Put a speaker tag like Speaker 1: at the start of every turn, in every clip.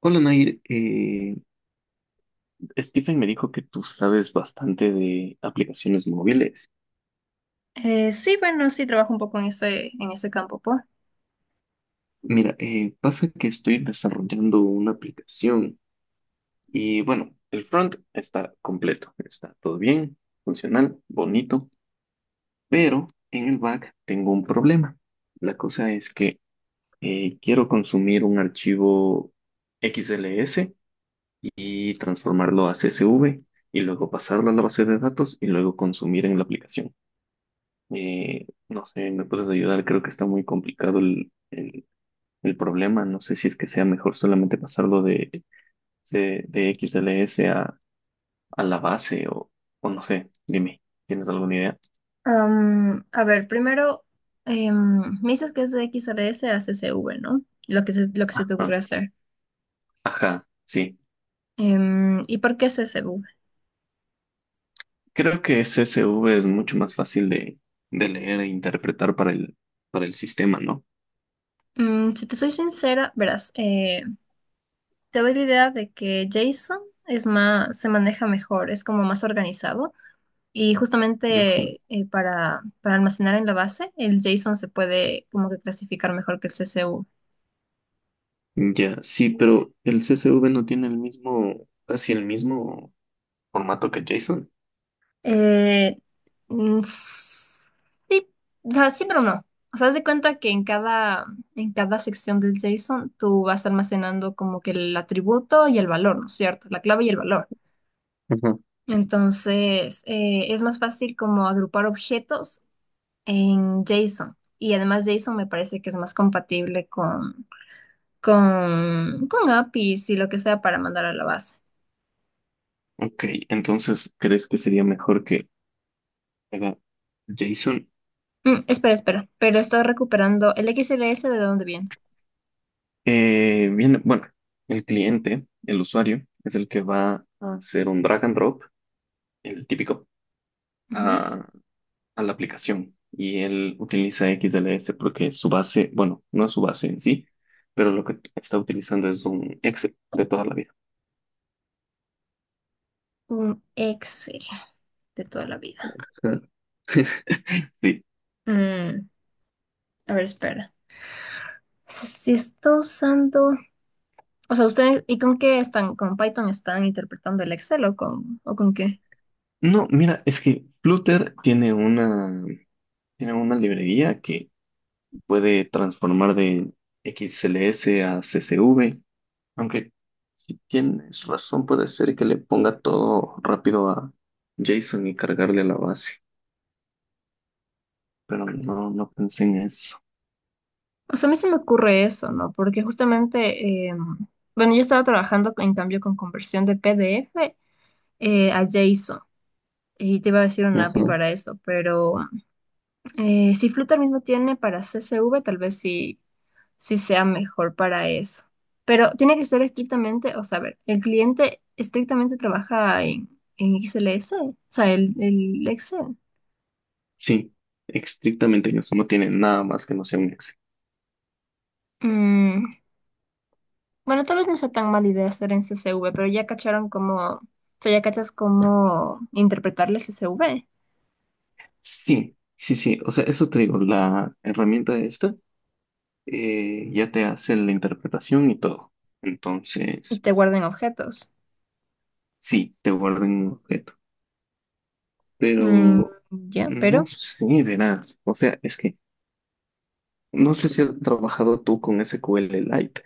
Speaker 1: Hola Nair, Stephen me dijo que tú sabes bastante de aplicaciones móviles.
Speaker 2: Sí, bueno, sí trabajo un poco en ese campo, pues.
Speaker 1: Mira, pasa que estoy desarrollando una aplicación y bueno, el front está completo, está todo bien, funcional, bonito, pero en el back tengo un problema. La cosa es que quiero consumir un archivo XLS y transformarlo a CSV y luego pasarlo a la base de datos y luego consumir en la aplicación. No sé, ¿me puedes ayudar? Creo que está muy complicado el problema. No sé si es que sea mejor solamente pasarlo de XLS a la base o no sé. Dime, ¿tienes alguna idea?
Speaker 2: A ver, primero, me dices que es de XRS a CSV, ¿no? Lo que se te ocurre
Speaker 1: Ajá,
Speaker 2: hacer.
Speaker 1: ajá, sí.
Speaker 2: ¿Y por qué CSV?
Speaker 1: Creo que CSV es mucho más fácil de leer e interpretar para el sistema, ¿no?
Speaker 2: Si te soy sincera, verás, te doy la idea de que JSON es más, se maneja mejor, es como más organizado y
Speaker 1: Ajá.
Speaker 2: justamente para almacenar en la base, el JSON se puede como que clasificar mejor que el CSV.
Speaker 1: Ya, sí, pero el CSV no tiene el mismo, casi el mismo formato que JSON.
Speaker 2: Eh, mm, sí, o sea, sí, pero no. O sea, haz de cuenta que en cada sección del JSON tú vas almacenando como que el atributo y el valor, ¿no es cierto? La clave y el valor. Entonces, es más fácil como agrupar objetos en JSON. Y además JSON me parece que es más compatible con APIs y lo que sea para mandar a la base.
Speaker 1: Ok, entonces, ¿crees que sería mejor que haga JSON?
Speaker 2: Espera, espera, pero estoy recuperando el XLS de dónde viene.
Speaker 1: Bien, bueno, el cliente, el usuario, es el que va a hacer un drag and drop, el típico, a, a la aplicación. Y él utiliza XLS porque su base, bueno, no es su base en sí, pero lo que está utilizando es un Excel de toda la vida.
Speaker 2: Un Excel de toda la vida.
Speaker 1: Ah. Sí.
Speaker 2: Mm, a ver, espera. Si está usando. O sea, ¿ustedes y con qué están? ¿Con Python están interpretando el Excel o con qué?
Speaker 1: No, mira, es que Flutter tiene una librería que puede transformar de XLS a CSV, aunque si tienes razón puede ser que le ponga todo rápido a JSON y cargarle a la base, pero no, no pensé en eso.
Speaker 2: O sea, a mí se me ocurre eso, ¿no? Porque justamente, bueno, yo estaba trabajando en cambio con conversión de PDF a JSON y te iba a decir una
Speaker 1: Ajá.
Speaker 2: API para eso, pero. Si Flutter mismo tiene para CSV, tal vez sí sea mejor para eso. Pero tiene que ser estrictamente, o sea, a ver, el cliente estrictamente trabaja en XLS, o sea, el Excel.
Speaker 1: Sí, estrictamente en eso, no tiene nada más que no sea un Excel.
Speaker 2: Mm, bueno, tal vez no sea tan mala idea hacer en CSV, pero ya cacharon cómo, o sea, ya cachas cómo interpretarle CSV
Speaker 1: Sí, sí, sí, o sea, eso te digo, la herramienta esta ya te hace la interpretación y todo.
Speaker 2: y
Speaker 1: Entonces,
Speaker 2: te guardan objetos.
Speaker 1: sí, te guarda en un objeto.
Speaker 2: Mm,
Speaker 1: Pero
Speaker 2: ya,
Speaker 1: no
Speaker 2: pero
Speaker 1: sé, verás. O sea, es que no sé si has trabajado tú con SQL Lite.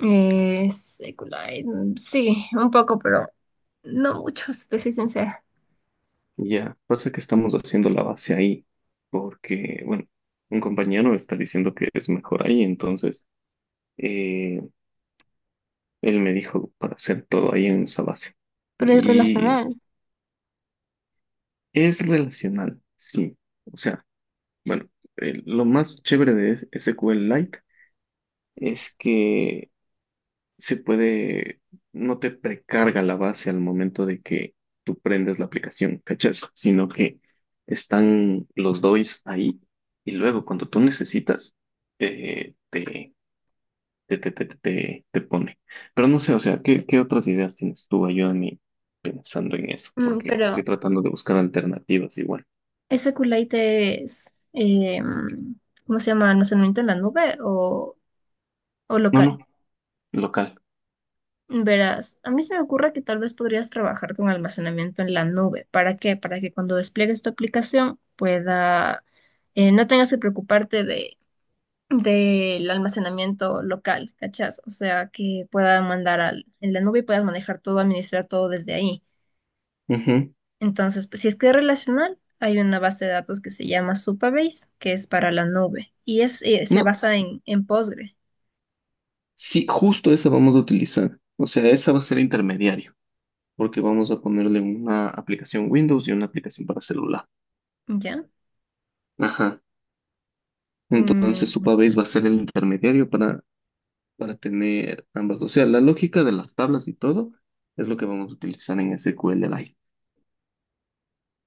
Speaker 2: secular, sí, un poco, pero no mucho, si te soy sincera.
Speaker 1: Ya, pasa que estamos haciendo la base ahí, porque, bueno, un compañero está diciendo que es mejor ahí, entonces eh, él me dijo para hacer todo ahí en esa base.
Speaker 2: Pero es
Speaker 1: Y
Speaker 2: relacional.
Speaker 1: es relacional, sí. O sea, bueno, lo más chévere de SQL Lite es que se puede, no te precarga la base al momento de que tú prendes la aplicación, ¿cachas? Sino que están los DOIs ahí y luego cuando tú necesitas, eh, te, te pone. Pero no sé, o sea, ¿qué otras ideas tienes tú? Ayúdame pensando en eso, porque
Speaker 2: Pero
Speaker 1: estoy tratando de buscar alternativas igual.
Speaker 2: ese Kulite es, em, ¿cómo se llama? ¿Almacenamiento en la nube o
Speaker 1: No,
Speaker 2: local?
Speaker 1: no, local.
Speaker 2: Verás, a mí se me ocurre que tal vez podrías trabajar con almacenamiento en la nube. ¿Para qué? Para que cuando despliegues tu aplicación pueda, no tengas que preocuparte de, del almacenamiento local, ¿cachás? O sea, que pueda mandar al, en la nube y puedas manejar todo, administrar todo desde ahí.
Speaker 1: Ujú.
Speaker 2: Entonces, pues, si es que es relacional, hay una base de datos que se llama Supabase, que es para la nube, y es, se
Speaker 1: No,
Speaker 2: basa en Postgre,
Speaker 1: sí, justo esa vamos a utilizar. O sea, esa va a ser intermediario. Porque vamos a ponerle una aplicación Windows y una aplicación para celular.
Speaker 2: ¿ya?
Speaker 1: Ajá. Entonces
Speaker 2: Mm,
Speaker 1: Supabase va a ser el intermediario para tener ambas. O sea, la lógica de las tablas y todo es lo que vamos a utilizar en SQL Lite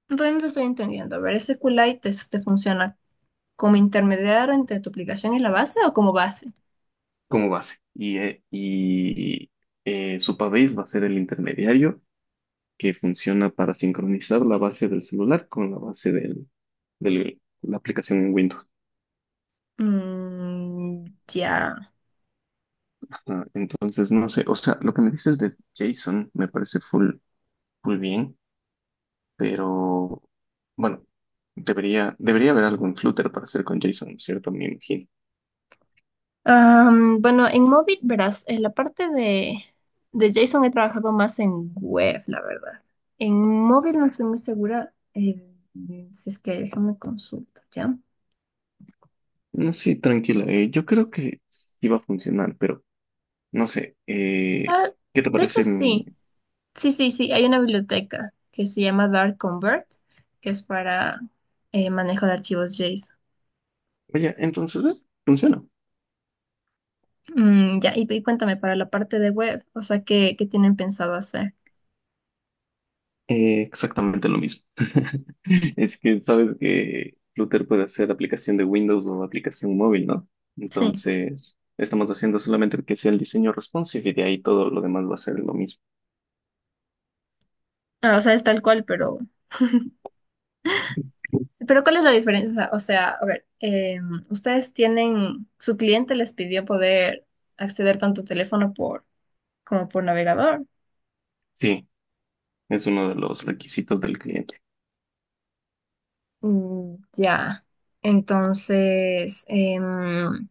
Speaker 2: Entonces, no te estoy entendiendo. A ver, SQLite te funciona como intermediario entre tu aplicación y la base, ¿o como base?
Speaker 1: como base. Y Supabase va a ser el intermediario que funciona para sincronizar la base del celular con la base la aplicación en Windows.
Speaker 2: Mm, ya.
Speaker 1: Ajá. Entonces, no sé, o sea, lo que me dices de JSON me parece full, full bien. Pero bueno, debería haber algún Flutter para hacer con JSON, ¿cierto? Me imagino.
Speaker 2: Bueno, en móvil, verás, en la parte de JSON he trabajado más en web, la verdad. En móvil no estoy muy segura, si es que déjame consultar, ¿ya?
Speaker 1: No, sí, tranquila, yo creo que sí va a funcionar, pero no sé,
Speaker 2: Ah,
Speaker 1: ¿qué te
Speaker 2: de hecho,
Speaker 1: parece mi...
Speaker 2: sí, sí, sí, sí, hay una biblioteca que se llama Dart Convert que es para manejo de archivos JSON.
Speaker 1: Oye, entonces, ¿ves? Funciona.
Speaker 2: Ya, y cuéntame, para la parte de web, o sea, ¿qué tienen pensado hacer?
Speaker 1: Exactamente lo mismo. Es que sabes que Flutter puede hacer aplicación de Windows o aplicación móvil, ¿no?
Speaker 2: Sí,
Speaker 1: Entonces, estamos haciendo solamente que sea el diseño responsive y de ahí todo lo demás va a ser lo mismo.
Speaker 2: ah, o sea, es tal cual, Pero ¿cuál es la diferencia? O sea, a ver, ustedes tienen, su cliente les pidió poder acceder tanto teléfono por, como por navegador.
Speaker 1: Sí, es uno de los requisitos del cliente.
Speaker 2: Mm, ya. Entonces,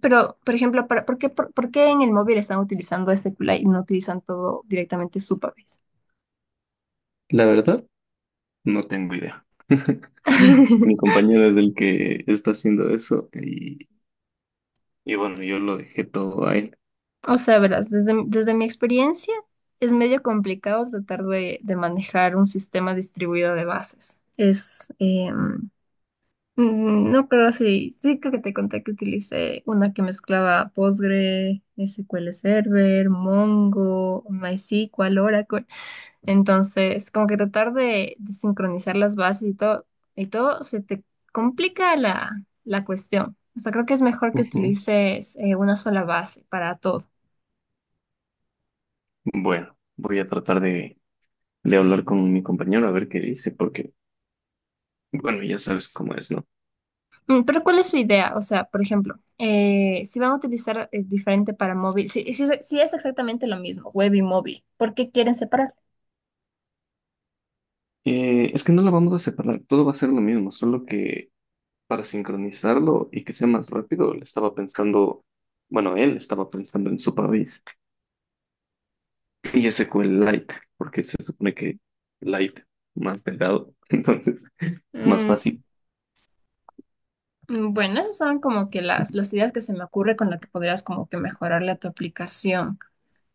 Speaker 2: pero, por ejemplo, por qué en el móvil están utilizando este QLite y no utilizan todo directamente su país?
Speaker 1: La verdad, no tengo idea. Mi compañero es el que está haciendo eso y bueno, yo lo dejé todo a él.
Speaker 2: O sea, verás, desde mi experiencia es medio complicado tratar de manejar un sistema distribuido de bases. No, creo sí creo que te conté que utilicé una que mezclaba Postgre, SQL Server, Mongo, MySQL, Oracle. Entonces, como que tratar de sincronizar las bases y todo, se te complica la cuestión. O sea, creo que es mejor que
Speaker 1: Ujú.
Speaker 2: utilices una sola base para todo.
Speaker 1: Bueno, voy a tratar de hablar con mi compañero a ver qué dice, porque, bueno, ya sabes cómo es, ¿no?
Speaker 2: Pero ¿cuál es su idea? O sea, por ejemplo, si van a utilizar diferente para móvil, si es exactamente lo mismo, web y móvil, ¿por qué quieren separar?
Speaker 1: Es que no la vamos a separar, todo va a ser lo mismo, solo que para sincronizarlo y que sea más rápido, le estaba pensando, bueno, él estaba pensando en su país y ese fue el light, porque se supone que light más delgado, entonces. Más fácil,
Speaker 2: Bueno, esas son como que las ideas que se me ocurre con las que podrías como que mejorarle a tu aplicación.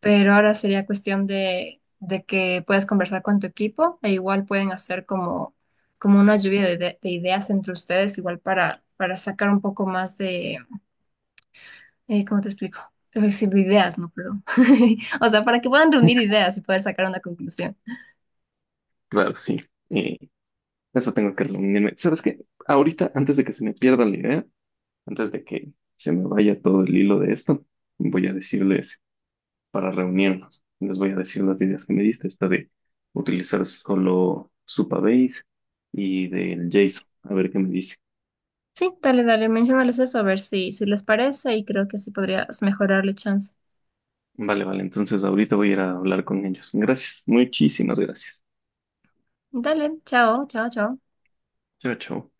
Speaker 2: Pero ahora sería cuestión de que puedas conversar con tu equipo e igual pueden hacer como una lluvia de ideas entre ustedes, igual para sacar un poco más de, ¿cómo te explico? Es decir, de ideas, no, perdón. O sea, para que puedan reunir ideas y poder sacar una conclusión.
Speaker 1: claro, sí. Eh, Eso tengo que reunirme. ¿Sabes qué? Ahorita, antes de que se me pierda la idea, antes de que se me vaya todo el hilo de esto, voy a decirles para reunirnos. Les voy a decir las ideas que me diste, esta de utilizar solo Supabase y del JSON. A ver qué me dice.
Speaker 2: Sí, dale, dale, menciónales eso a ver si les parece y creo que así podrías mejorarle chance.
Speaker 1: Vale, vale. Entonces ahorita voy a ir a hablar con ellos. Gracias. Muchísimas gracias.
Speaker 2: Dale, chao, chao, chao.
Speaker 1: Chao, chao.